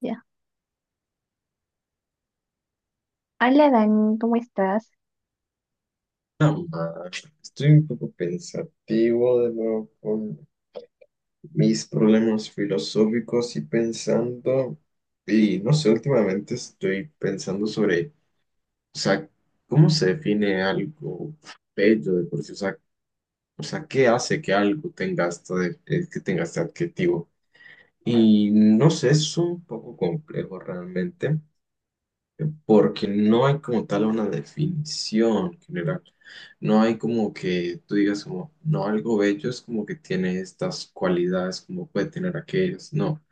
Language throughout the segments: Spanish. Ya. Hola, Dani, ¿cómo estás? Ah, Estoy un poco pensativo de nuevo con mis problemas filosóficos y pensando, y no sé, últimamente estoy pensando sobre, o sea, ¿cómo se define algo bello de por sí? O sea, ¿qué hace que algo tenga esta que tenga este adjetivo? Y no sé, es un poco complejo realmente. Porque no hay como tal una definición general. No hay como que tú digas como, no, algo bello es como que tiene estas cualidades, como puede tener aquellas, no,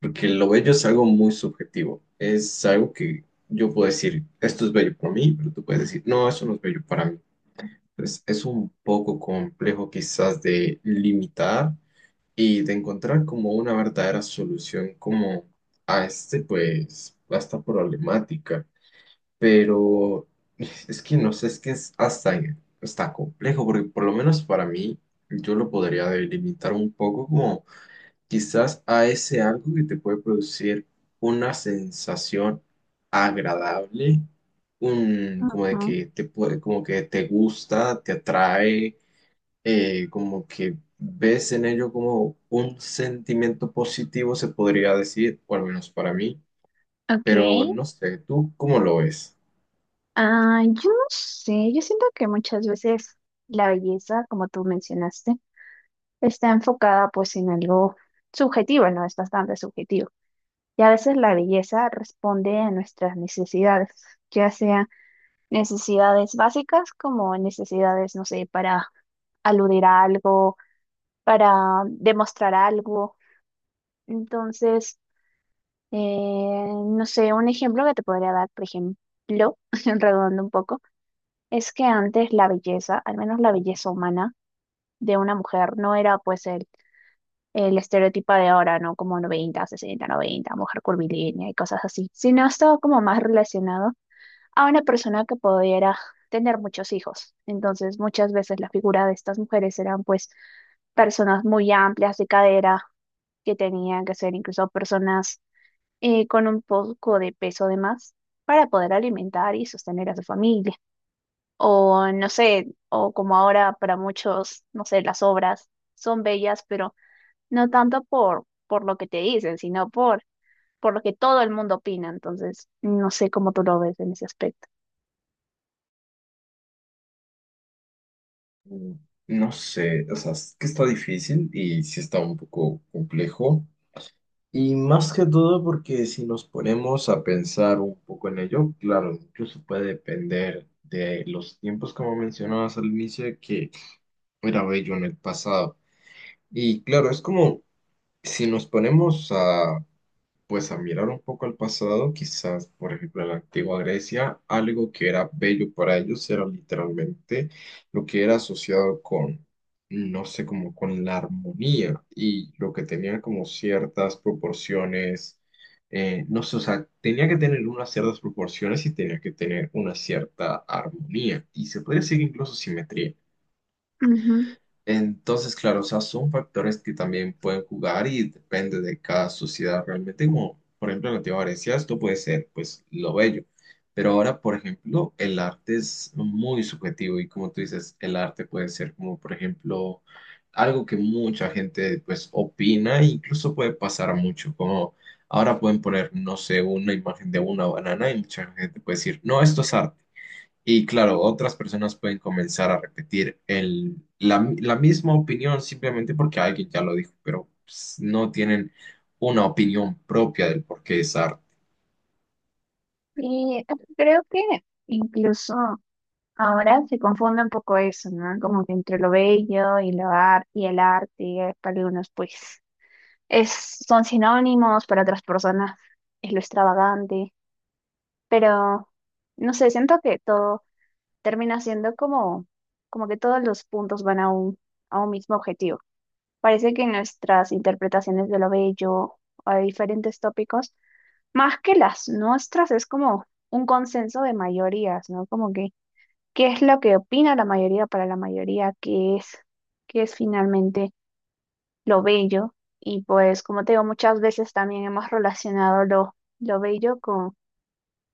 porque lo bello es algo muy subjetivo, es algo que yo puedo decir, esto es bello para mí, pero tú puedes decir, no, eso no es bello para mí. Entonces es un poco complejo quizás de limitar y de encontrar como una verdadera solución como a este, pues, a esta problemática, pero es que no sé, es que es hasta, está complejo, porque por lo menos para mí yo lo podría delimitar un poco como quizás a ese algo que te puede producir una sensación agradable, un, como de Ujú. que te puede, como que te gusta, te atrae, como que ves en ello como un sentimiento positivo, se podría decir, o al menos para mí, Ok. pero no sé, ¿tú cómo lo ves? Yo no sé, yo siento que muchas veces la belleza, como tú mencionaste, está enfocada pues en algo subjetivo, ¿no? Es bastante subjetivo. Y a veces la belleza responde a nuestras necesidades, ya sea necesidades básicas como necesidades, no sé, para aludir a algo, para demostrar algo. Entonces, no sé, un ejemplo que te podría dar, por ejemplo, redondo un poco, es que antes la belleza, al menos la belleza humana de una mujer, no era pues el estereotipo de ahora, ¿no? Como 90-60-90, mujer curvilínea y cosas así, sino estaba como más relacionado a una persona que pudiera tener muchos hijos. Entonces, muchas veces la figura de estas mujeres eran pues personas muy amplias de cadera, que tenían que ser incluso personas con un poco de peso de más para poder alimentar y sostener a su familia. O no sé, o como ahora para muchos, no sé, las obras son bellas, pero no tanto por lo que te dicen, sino por lo que todo el mundo opina. Entonces, no sé cómo tú lo ves en ese aspecto. Mm. No sé, o sea, es que está difícil y sí está un poco complejo. Y más que todo porque si nos ponemos a pensar un poco en ello, claro, incluso puede depender de los tiempos como mencionabas al inicio, que era bello en el pasado. Y claro, es como si nos ponemos a pues a mirar un poco al pasado, quizás, por ejemplo, en la antigua Grecia, algo que era bello para ellos era literalmente lo que era asociado con, no sé, como con la armonía y lo que tenía como ciertas proporciones, no sé, o sea, tenía que tener unas ciertas proporciones y tenía que tener una cierta armonía y se podría decir incluso simetría. Ujú. Entonces, claro, o sea, son factores que también pueden jugar y depende de cada sociedad realmente, como por ejemplo en Latinoamérica esto puede ser pues lo bello, pero ahora, por ejemplo, el arte es muy subjetivo y como tú dices, el arte puede ser como, por ejemplo, algo que mucha gente pues opina e incluso puede pasar mucho, como ahora pueden poner, no sé, una imagen de una banana y mucha gente puede decir, no, esto es arte. Y claro, otras personas pueden comenzar a repetir la misma opinión simplemente porque alguien ya lo dijo, pero pues, no tienen una opinión propia del por qué es arte. Y creo que incluso ahora se confunde un poco eso, ¿no? Como que entre lo bello y y el arte, para algunos, pues. Es, son sinónimos para otras personas, es lo extravagante, pero no sé, siento que todo termina siendo como, como que todos los puntos van a a un mismo objetivo. Parece que nuestras interpretaciones de lo bello o de diferentes tópicos, más que las nuestras, es como un consenso de mayorías, ¿no? Como que, ¿qué es lo que opina la mayoría para la mayoría? Qué es finalmente lo bello? Y pues, como te digo, muchas veces también hemos relacionado lo bello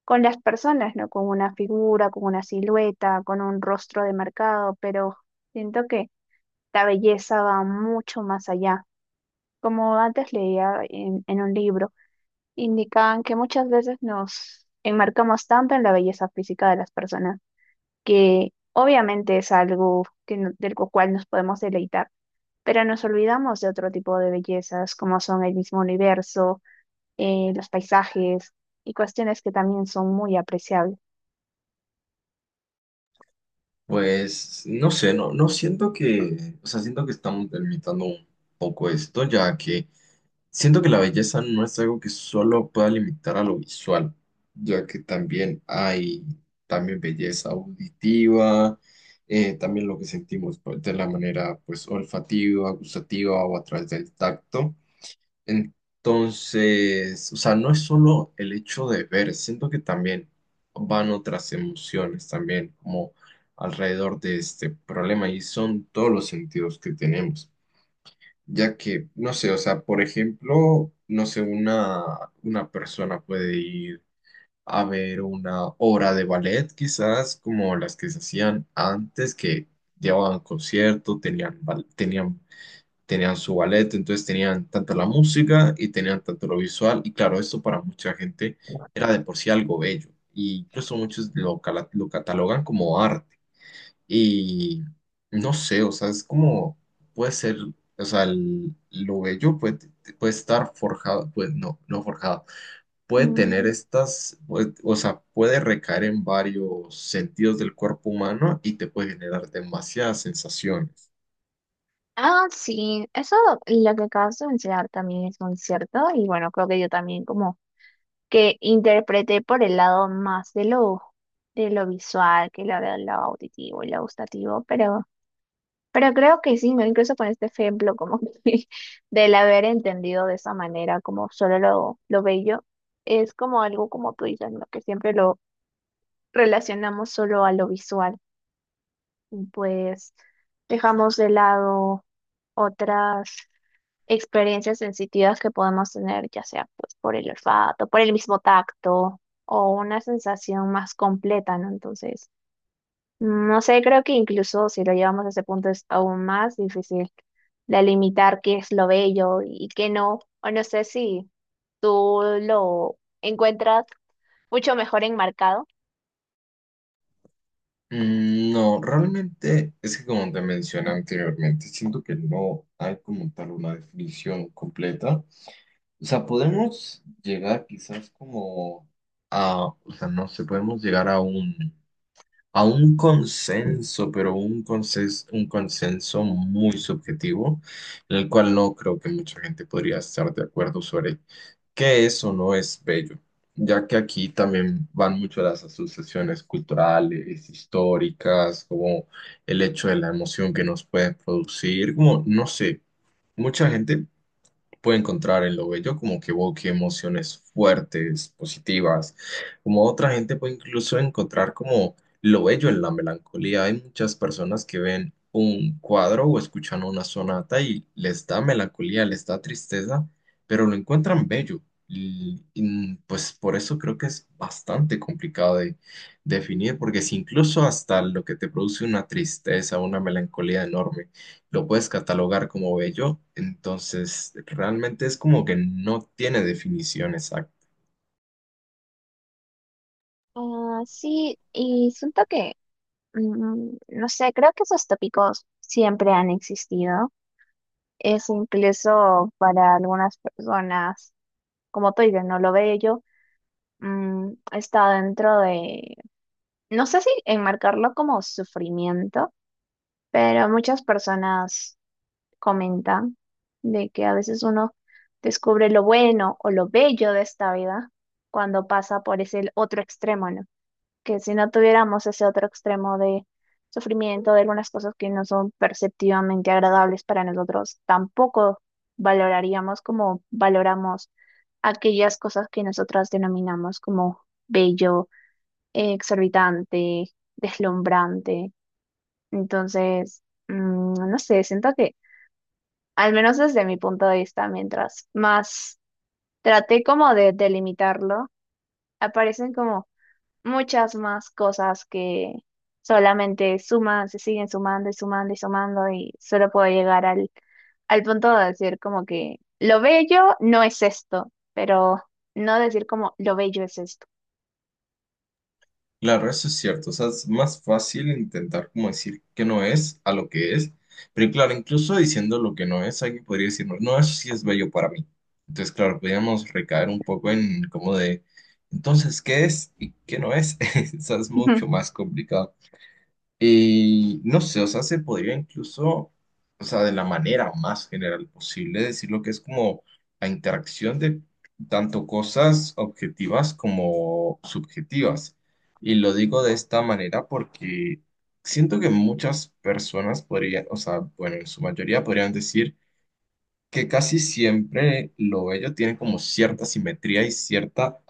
con las personas, ¿no? Con una figura, con una silueta, con un rostro demarcado, pero siento que la belleza va mucho más allá. Como antes leía en un libro, indicaban que muchas veces nos enmarcamos tanto en la belleza física de las personas que obviamente es algo que, del cual nos podemos deleitar, pero nos olvidamos de otro tipo de bellezas, como son el mismo universo, los paisajes y cuestiones que también son muy apreciables. Pues no sé, no siento que, o sea, siento que estamos delimitando un poco esto, ya que siento que la belleza no es algo que solo pueda limitar a lo visual, ya que también hay también belleza auditiva, también lo que sentimos pues, de la manera pues olfativa, gustativa o a través del tacto. Entonces, o sea, no es solo el hecho de ver, siento que también van otras emociones también como alrededor de este problema y son todos los sentidos que tenemos ya que, no sé, o sea, por ejemplo, no sé, una persona puede ir a ver una obra de ballet, quizás como las que se hacían antes, que llevaban concierto, tenían su ballet, entonces tenían tanto la música y tenían tanto lo visual, y claro, esto para mucha gente era de por sí algo bello, y incluso muchos lo catalogan como arte. Y no sé, o sea, es como puede ser, o sea, lo bello puede estar forjado, pues no forjado, puede tener Mm, estas, pues, o sea, puede recaer en varios sentidos del cuerpo humano y te puede generar demasiadas sensaciones. Ah, sí, eso lo que acabas de mencionar también es muy cierto y bueno, creo que yo también como que interpreté por el lado más de lo visual que de lo auditivo y lo gustativo, pero creo que sí, ¿no? Incluso con este ejemplo, como que del haber entendido de esa manera, como solo lo bello, es como algo como tú dices, ¿no? Que siempre lo relacionamos solo a lo visual y pues dejamos de lado otras experiencias sensitivas que podemos tener, ya sea pues por el olfato, por el mismo tacto o una sensación más completa, ¿no? Entonces, no sé, creo que incluso si lo llevamos a ese punto es aún más difícil de limitar qué es lo bello y qué no. O no sé si tú lo encuentras mucho mejor enmarcado. Mm, no, realmente es que como te mencioné anteriormente, siento que no hay como tal una definición completa. O sea, podemos llegar quizás como a, o sea, no sé, podemos llegar a un consenso, pero un consenso muy subjetivo, en el cual no creo que mucha gente podría estar de acuerdo sobre qué es o no es bello, ya que aquí también van mucho las asociaciones culturales, históricas, como el hecho de la emoción que nos puede producir, como, no sé, mucha gente puede encontrar en lo bello como que evoque emociones fuertes, positivas, como otra gente puede incluso encontrar como lo bello en la melancolía. Hay muchas personas que ven un cuadro o escuchan una sonata y les da melancolía, les da tristeza, pero lo encuentran bello. Pues por eso creo que es bastante complicado de definir, porque si incluso hasta lo que te produce una tristeza, una melancolía enorme, lo puedes catalogar como bello, entonces realmente es como que no tiene definición exacta. Ah, sí, y siento que, no sé, creo que esos tópicos siempre han existido. Es incluso para algunas personas, como tú dices, no lo bello, está dentro de, no sé si enmarcarlo como sufrimiento. Pero muchas personas comentan de que a veces uno descubre lo bueno o lo bello de esta vida cuando pasa por ese otro extremo, ¿no? Que si no tuviéramos ese otro extremo de sufrimiento, de algunas cosas que no son perceptivamente agradables para nosotros, tampoco valoraríamos como valoramos aquellas cosas que nosotras denominamos como bello, exorbitante, deslumbrante. Entonces, no sé, siento que, al menos desde mi punto de vista, mientras más traté como de delimitarlo, aparecen como muchas más cosas que solamente suman, se siguen sumando y sumando y sumando, y solo puedo llegar al punto de decir como que lo bello no es esto, pero no decir como lo bello es esto. Claro, eso es cierto, o sea, es más fácil intentar como decir que no es a lo que es, pero claro, incluso diciendo lo que no es, alguien podría decir, no, no, eso sí es bello para mí. Entonces, claro, podríamos recaer un poco en como de, entonces, ¿qué es y qué no es? O sea, es mucho más complicado. Y no sé, o sea, se podría incluso, o sea, de la manera más general posible decir lo que es como la interacción de tanto cosas objetivas como subjetivas. Y lo digo de esta manera porque siento que muchas personas podrían, o sea, bueno, en su mayoría podrían decir que casi siempre lo bello tiene como cierta simetría y cierta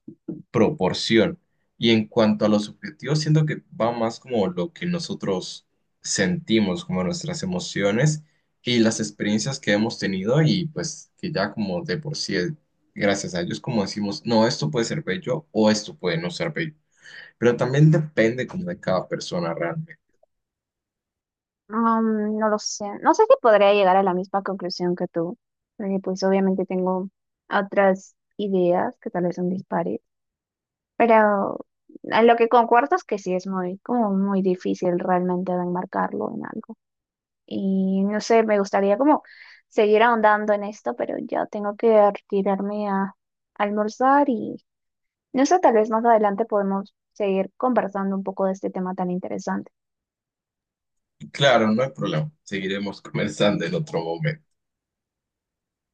proporción. Y en cuanto a los subjetivos, siento que va más como lo que nosotros sentimos, como nuestras emociones y las experiencias que hemos tenido y pues que ya como de por sí, gracias a ellos, como decimos, no, esto puede ser bello o esto puede no ser bello. Pero también depende como de cada persona realmente. No lo sé. No sé si podría llegar a la misma conclusión que tú, porque pues obviamente tengo otras ideas que tal vez son dispares, pero a lo que concuerdo es que sí es muy, como muy difícil realmente de enmarcarlo en algo. Y no sé, me gustaría como seguir ahondando en esto, pero ya tengo que retirarme a almorzar y no sé, tal vez más adelante podemos seguir conversando un poco de este tema tan interesante. Y claro, no hay problema, seguiremos conversando en otro momento.